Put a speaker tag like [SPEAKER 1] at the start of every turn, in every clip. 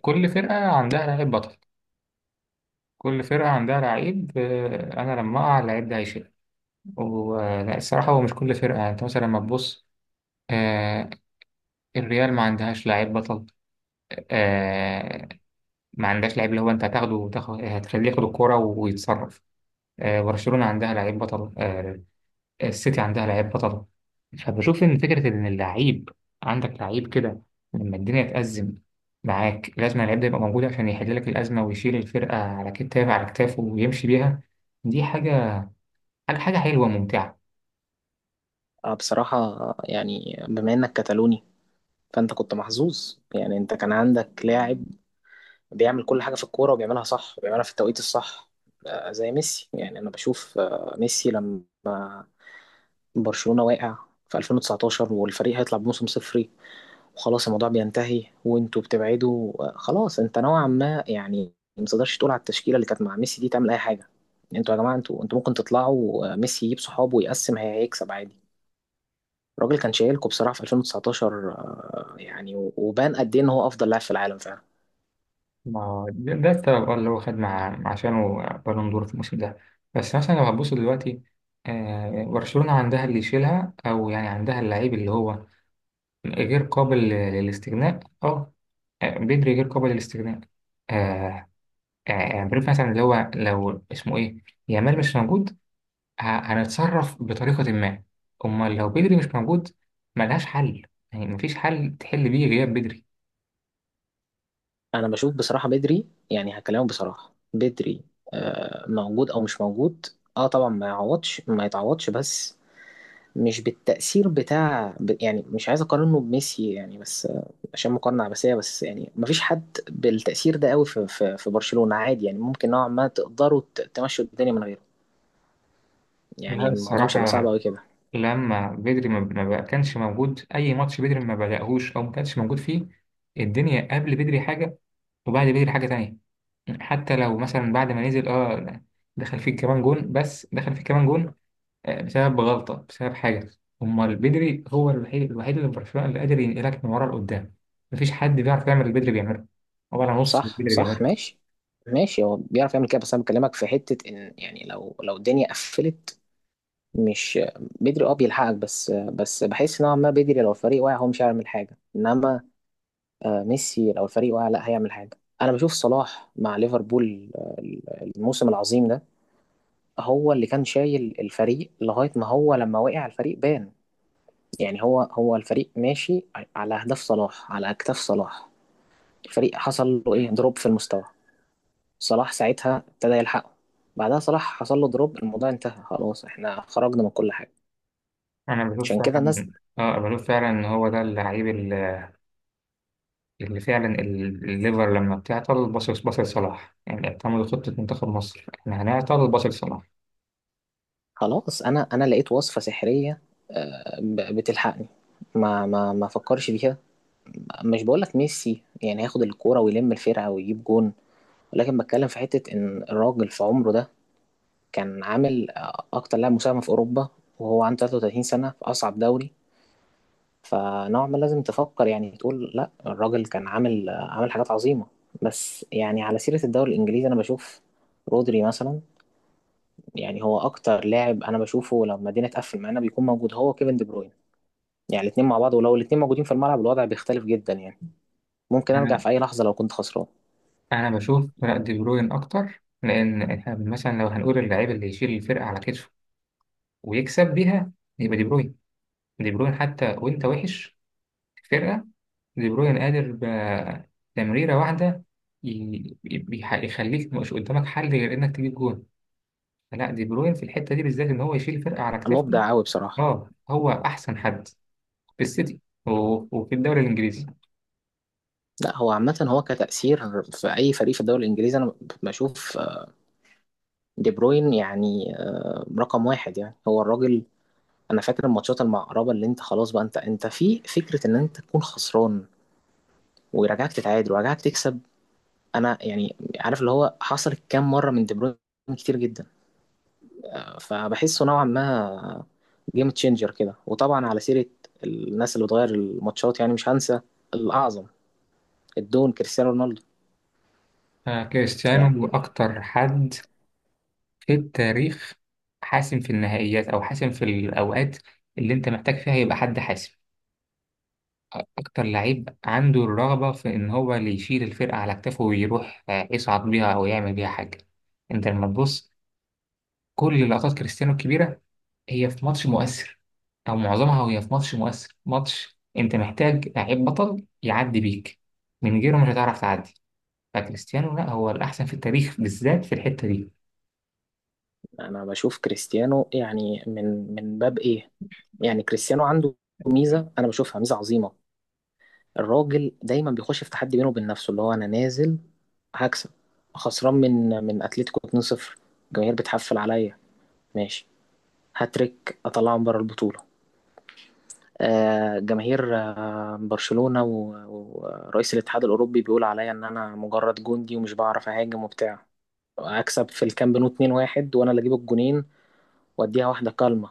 [SPEAKER 1] كل فرقة عندها لعيب بطل. كل فرقة عندها لعيب، أنا لما أقع اللعيب ده هيشيل. والصراحة هو مش كل فرقة، يعني أنت مثلا لما تبص، آه، الريال ما عندهاش لعيب بطل. آه، ما عندهاش لعيب اللي هو أنت هتاخده وتاخد، هتخليه ياخد الكورة ويتصرف. برشلونة عندها لعيب بطل، السيتي عندها لعيب بطل. فبشوف ان فكره ان اللعيب، عندك لعيب كده لما الدنيا تأزم معاك، لازم اللعيب ده يبقى موجود عشان يحل لك الازمه ويشيل الفرقه على كتافه، على كتافه ويمشي بيها. دي حاجه حاجه حاجة حلوه وممتعه.
[SPEAKER 2] بصراحة، يعني بما إنك كتالوني، فأنت كنت محظوظ. يعني أنت كان عندك لاعب بيعمل كل حاجة في الكورة وبيعملها صح وبيعملها في التوقيت الصح. زي ميسي، يعني أنا بشوف ميسي لما برشلونة واقع في 2019، والفريق هيطلع بموسم صفري، وخلاص الموضوع بينتهي وأنتوا بتبعدوا. خلاص، أنت نوعا ما يعني ما تقدرش تقول على التشكيلة اللي كانت مع ميسي دي تعمل أي حاجة. يعني أنتوا يا جماعة، أنتوا ممكن تطلعوا. ميسي يجيب صحابه ويقسم هيكسب عادي. الراجل كان شايلكوا بصراحة في 2019. يعني و- وبان قد ايه ان هو افضل لاعب في العالم فعلا.
[SPEAKER 1] ما ده السبب، اللي هو خد مع عشانه بالون دور في الموسم ده. بس مثلا لو هتبص دلوقتي، برشلونه عندها اللي يشيلها او يعني عندها اللعيب اللي هو غير قابل للاستغناء اه. بدري غير قابل للاستغناء. آه، بريف مثلا اللي هو لو اسمه ايه، يامال مش موجود، هنتصرف بطريقة ما. امال لو بدري مش موجود، ملهاش حل، يعني مفيش حل تحل بيه غياب بدري.
[SPEAKER 2] انا بشوف بصراحة بدري، يعني هكلمه. بصراحة بدري موجود او مش موجود. اه طبعا ما يعوضش، ما يتعوضش، بس مش بالتأثير بتاع يعني مش عايز اقارنه بميسي، يعني بس عشان مقارنة عباسية. بس يعني مفيش حد بالتأثير ده قوي في برشلونة عادي. يعني ممكن نوعا ما تقدروا تمشوا الدنيا من غيره.
[SPEAKER 1] لا
[SPEAKER 2] يعني الموضوع مش هيبقى صعب
[SPEAKER 1] الصراحة،
[SPEAKER 2] قوي كده.
[SPEAKER 1] لما بدري ما ما بقى- كانش موجود أي ماتش، بدري ما بدأهوش أو ما كانش موجود فيه. الدنيا قبل بدري حاجة وبعد بدري حاجة تانية. حتى لو مثلا بعد ما نزل دخل فيه كمان جون، بس دخل فيه كمان جون، بسبب غلطة، بسبب حاجة. أمال بدري هو الوحيد اللي في برشلونة اللي قادر ينقلك من ورا لقدام. مفيش حد بيعرف يعمل اللي بدري بيعمله، هو أنا نص اللي
[SPEAKER 2] صح
[SPEAKER 1] بدري
[SPEAKER 2] صح،
[SPEAKER 1] بيعمله.
[SPEAKER 2] ماشي. ماشي، هو بيعرف يعمل كده، بس انا بكلمك في حتة ان، يعني لو الدنيا قفلت. مش بدري اه بيلحقك، بس بحس نوعا ما بدري لو الفريق واقع هو مش هيعمل حاجة. انما ميسي لو الفريق واقع لا هيعمل حاجة. انا بشوف صلاح مع ليفربول، الموسم العظيم ده هو اللي كان شايل الفريق لغاية ما هو لما وقع الفريق بان. يعني هو الفريق ماشي على اهداف صلاح، على اكتاف صلاح. الفريق حصل له ايه دروب في المستوى، صلاح ساعتها ابتدى يلحقه. بعدها صلاح حصل له دروب، الموضوع انتهى خلاص، احنا خرجنا من كل حاجة.
[SPEAKER 1] أنا بشوف
[SPEAKER 2] عشان كده الناس.
[SPEAKER 1] فعلا، آه بشوف فعلا إن هو ده اللعيب، اللي فعلا الليفر لما بتعطل باصص باصص لصلاح، يعني اعتمدوا خطة منتخب مصر، إحنا هنعطل باصص لصلاح.
[SPEAKER 2] خلاص، انا لقيت وصفة سحرية بتلحقني، ما فكرش فيها. مش بقولك ميسي يعني هياخد الكورة ويلم الفرقة ويجيب جون، ولكن بتكلم في حتة ان الراجل في عمره ده كان عامل اكتر لاعب مساهمة في اوروبا، وهو عنده 33 سنة في اصعب دوري. فنوعا ما لازم تفكر، يعني تقول لا، الراجل كان عامل حاجات عظيمة. بس يعني على سيرة الدوري الإنجليزي، أنا بشوف رودري مثلا. يعني هو أكتر لاعب أنا بشوفه لما الدنيا تقفل معانا بيكون موجود، هو كيفن دي بروين. يعني الاتنين مع بعض، ولو الاتنين موجودين في الملعب الوضع بيختلف جدا، يعني ممكن أرجع
[SPEAKER 1] أنا
[SPEAKER 2] في أي لحظة لو كنت خسران.
[SPEAKER 1] أنا بشوف فرق، دي بروين أكتر، لأن إحنا مثلا لو هنقول اللعيب اللي يشيل الفرقة على كتفه ويكسب بيها، يبقى دي بروين. دي بروين حتى وأنت وحش فرقة، دي بروين قادر بتمريرة واحدة يخليك مش قدامك حل غير إنك تجيب جون. لا، دي بروين في الحتة دي بالذات إن هو يشيل فرقة على كتافه.
[SPEAKER 2] مبدع أوي بصراحة.
[SPEAKER 1] أه هو أحسن حد في السيتي وفي الدوري الإنجليزي.
[SPEAKER 2] لا، هو عامة، هو كتأثير في أي فريق في الدوري الإنجليزي أنا بشوف دي بروين يعني رقم واحد، يعني هو الراجل. انا فاكر الماتشات المقربه، اللي انت خلاص بقى انت في فكره ان انت تكون خسران ويرجعك تتعادل ويرجعك تكسب. انا يعني عارف اللي هو حصلت كام مره من دي بروين، كتير جدا. فبحسه نوعا ما جيم تشينجر كده. وطبعا على سيره الناس اللي بتغير الماتشات، يعني مش هنسى الاعظم، الدون كريستيانو رونالدو. يعني
[SPEAKER 1] كريستيانو أكتر حد في التاريخ، حاسم في النهائيات أو حاسم في الأوقات اللي أنت محتاج فيها يبقى حد حاسم. أكتر لعيب عنده الرغبة في إن هو اللي يشيل الفرقة على كتافه ويروح، يصعد بيها أو يعمل بيها حاجة. أنت لما تبص كل لقطات كريستيانو الكبيرة، هي في ماتش مؤثر، أو معظمها وهي في ماتش مؤثر، ماتش أنت محتاج لعيب بطل يعدي بيك، من غيره مش هتعرف تعدي. فكريستيانو لا، هو الأحسن في التاريخ بالذات في الحتة دي.
[SPEAKER 2] انا بشوف كريستيانو يعني من باب ايه؟ يعني كريستيانو عنده ميزه، انا بشوفها ميزه عظيمه. الراجل دايما بيخش في تحدي بينه وبين نفسه، اللي هو: انا نازل هكسب، خسران من اتلتيكو 2-0، الجماهير بتحفل عليا، ماشي، هاتريك اطلعهم بره البطوله. جماهير، برشلونه و- ورئيس الاتحاد الاوروبي بيقول عليا ان انا مجرد جندي ومش بعرف اهاجم وبتاع. اكسب في الكامب نو 2-1 وانا اللي اجيب الجونين، واديها واحده كالمه.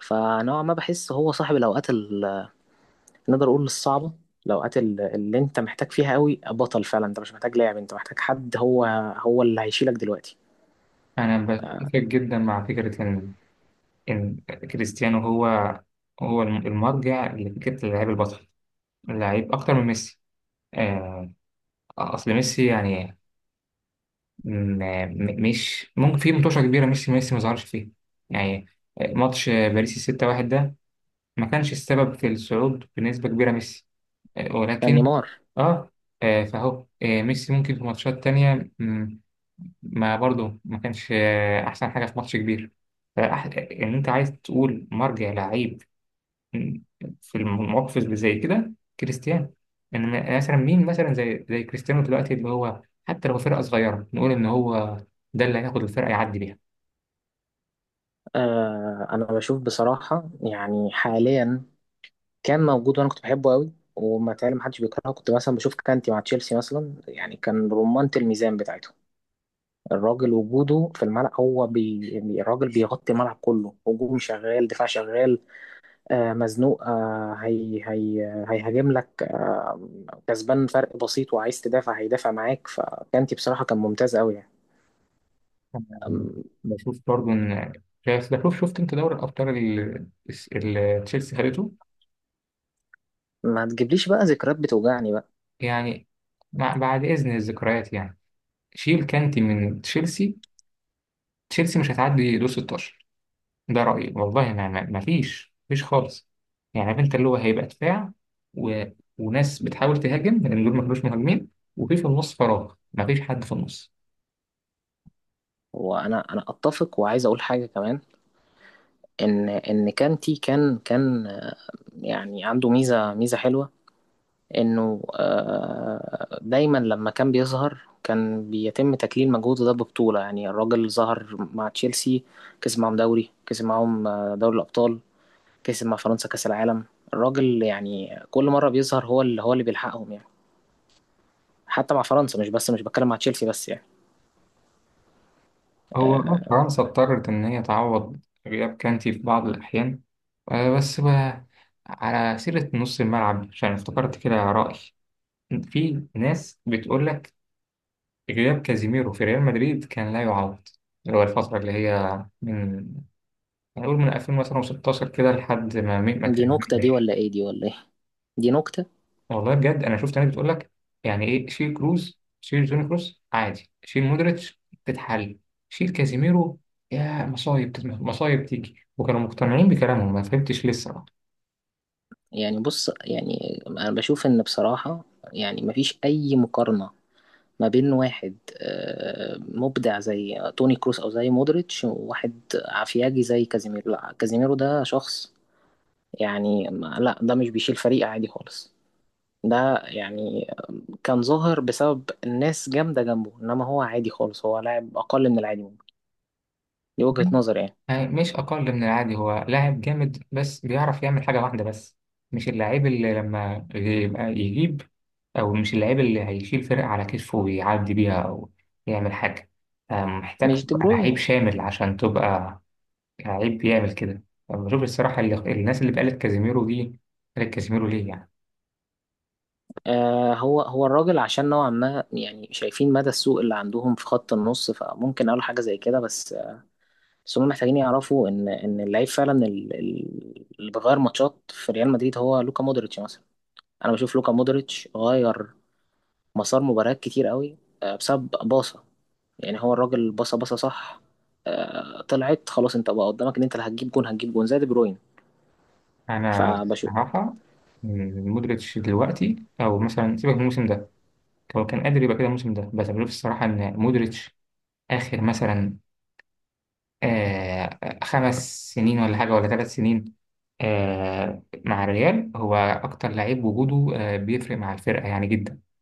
[SPEAKER 2] فنوعا ما بحس هو صاحب الاوقات، نقدر اقول الصعبه، الاوقات اللي انت محتاج فيها قوي بطل فعلا. انت مش محتاج لاعب، انت محتاج حد، هو اللي هيشيلك دلوقتي.
[SPEAKER 1] أنا بتفق جدا مع فكرة إن، إن كريستيانو هو، هو المرجع لفكرة اللعيب البطل، لعيب أكتر من ميسي. آه، اصل ميسي يعني مش ممكن في مطوشه كبيره ميسي ما ظهرش فيها، يعني ماتش باريس 6-1 ده ما كانش السبب في الصعود بنسبه كبيره ميسي،
[SPEAKER 2] كان
[SPEAKER 1] ولكن
[SPEAKER 2] نيمار.
[SPEAKER 1] اه. فهو ميسي ممكن في ماتشات تانية، ما برضه ما كانش احسن حاجه في ماتش كبير، فأح- ان انت عايز تقول مرجع لعيب في المواقف اللي زي كده، كريستيانو. يعني مثلا مين مثلا زي كريستيانو دلوقتي اللي هو، حتى لو فرقة صغيرة نقول إن هو ده اللي هياخد الفرقة يعدي بيها.
[SPEAKER 2] انا بشوف بصراحه يعني حاليا. كان موجود وانا كنت بحبه قوي وما تعلم محدش بيكرهه، كنت مثلا بشوف كانتي مع تشيلسي مثلا، يعني كان رمانة الميزان بتاعته. الراجل وجوده في الملعب، هو يعني الراجل بيغطي الملعب كله، هجوم شغال، دفاع شغال. مزنوق، هي هيهاجم لك، كسبان فرق بسيط وعايز تدافع هيدافع معاك. فكانتي بصراحة كان ممتاز قوي يعني.
[SPEAKER 1] أنا
[SPEAKER 2] أم،
[SPEAKER 1] بشوف برضو إن يعني، بس بشوف، شفت أنت دوري الأبطال اللي تشيلسي خدته.
[SPEAKER 2] ما تجيبليش بقى ذكريات بتوجعني بقى.
[SPEAKER 1] يعني بعد إذن الذكريات، يعني شيل كانتي من تشيلسي، تشيلسي مش هتعدي دور 16. ده رأيي، والله ما فيش خالص. يعني عارف انت اللي هو هيبقى دفاع، و... وناس بتحاول تهاجم لان دول ما كانوش مهاجمين، وفي النص فراغ، ما فيش حد في النص.
[SPEAKER 2] وانا اتفق، وعايز اقول حاجة كمان ان كانتي كان يعني عنده ميزة حلوة. انه دايما لما كان بيظهر كان بيتم تكليل مجهوده ده ببطولة. يعني الراجل ظهر مع تشيلسي، كسب معاهم دوري، كسب معاهم دوري الأبطال، كسب مع فرنسا كأس العالم. الراجل يعني كل مرة بيظهر هو اللي، هو اللي بيلحقهم يعني. حتى مع فرنسا، مش بس مش بتكلم مع تشيلسي بس يعني.
[SPEAKER 1] هو
[SPEAKER 2] آه،
[SPEAKER 1] فرنسا اضطرت ان هي تعوض غياب كانتي في بعض الاحيان. بس بقى، على سيرة نص الملعب عشان افتكرت كده رأي. في ناس بتقول لك غياب كازيميرو في ريال مدريد كان لا يعوض، اللي هو الفترة اللي هي من، نقول من 2000 مثلا و16 كده لحد ما مين ما
[SPEAKER 2] دي نكتة دي
[SPEAKER 1] كلمنيش.
[SPEAKER 2] ولا ايه؟ دي ولا ايه؟ دي نكتة.
[SPEAKER 1] والله بجد انا شفت ناس بتقول لك يعني ايه، شيل كروز، شيل جوني كروز عادي، شيل مودريتش تتحل، شيل كازيميرو يا مصايب مصايب تيجي، وكانوا مقتنعين بكلامهم، ما فهمتش ليه الصراحه.
[SPEAKER 2] يعني بص، يعني انا بشوف ان بصراحة يعني مفيش اي مقارنة ما بين واحد مبدع زي توني كروس او زي مودريتش، وواحد عفياجي زي كازيميرو. لا، كازيميرو ده شخص يعني، لا ده مش بيشيل فريق عادي خالص. ده يعني كان ظاهر بسبب الناس جامدة جنبه، إنما هو عادي خالص، هو لاعب أقل من العادي ممكن. دي وجهة نظري يعني.
[SPEAKER 1] يعني مش اقل من العادي، هو لاعب جامد بس بيعرف يعمل حاجه واحده بس، مش اللاعب اللي لما يبقى يجيب، أو مش اللعيب اللي هيشيل فرقة على كتفه ويعدي بيها أو يعمل حاجة. محتاج
[SPEAKER 2] مش دي
[SPEAKER 1] تبقى
[SPEAKER 2] بروين.
[SPEAKER 1] لعيب شامل عشان تبقى لعيب بيعمل كده. بشوف الصراحة، اللي الناس اللي بقالت كازيميرو دي، قالت كازيميرو ليه يعني.
[SPEAKER 2] هو الراجل، عشان نوعا ما يعني شايفين مدى السوء اللي عندهم في خط النص، فممكن أقول حاجة زي كده. بس هم محتاجين يعرفوا إن اللعيب فعلا اللي بيغير ماتشات في ريال مدريد هو لوكا مودريتش مثلا. أنا بشوف لوكا مودريتش غير مسار مباريات كتير قوي، بسبب باصة. يعني هو الراجل باصة، باصة صح. طلعت خلاص، انت بقى قدامك ان انت اللي هتجيب جون، هتجيب جون زي دي بروين.
[SPEAKER 1] أنا
[SPEAKER 2] فبشوف.
[SPEAKER 1] الصراحة، مودريتش دلوقتي أو مثلا سيبك من الموسم ده، هو كان قادر يبقى كده الموسم ده، بس بشوف الصراحة إن مودريتش آخر مثلا آه 5 سنين ولا حاجة ولا 3 سنين، مع الريال، هو أكتر لعيب وجوده بيفرق مع الفرقة يعني جدا.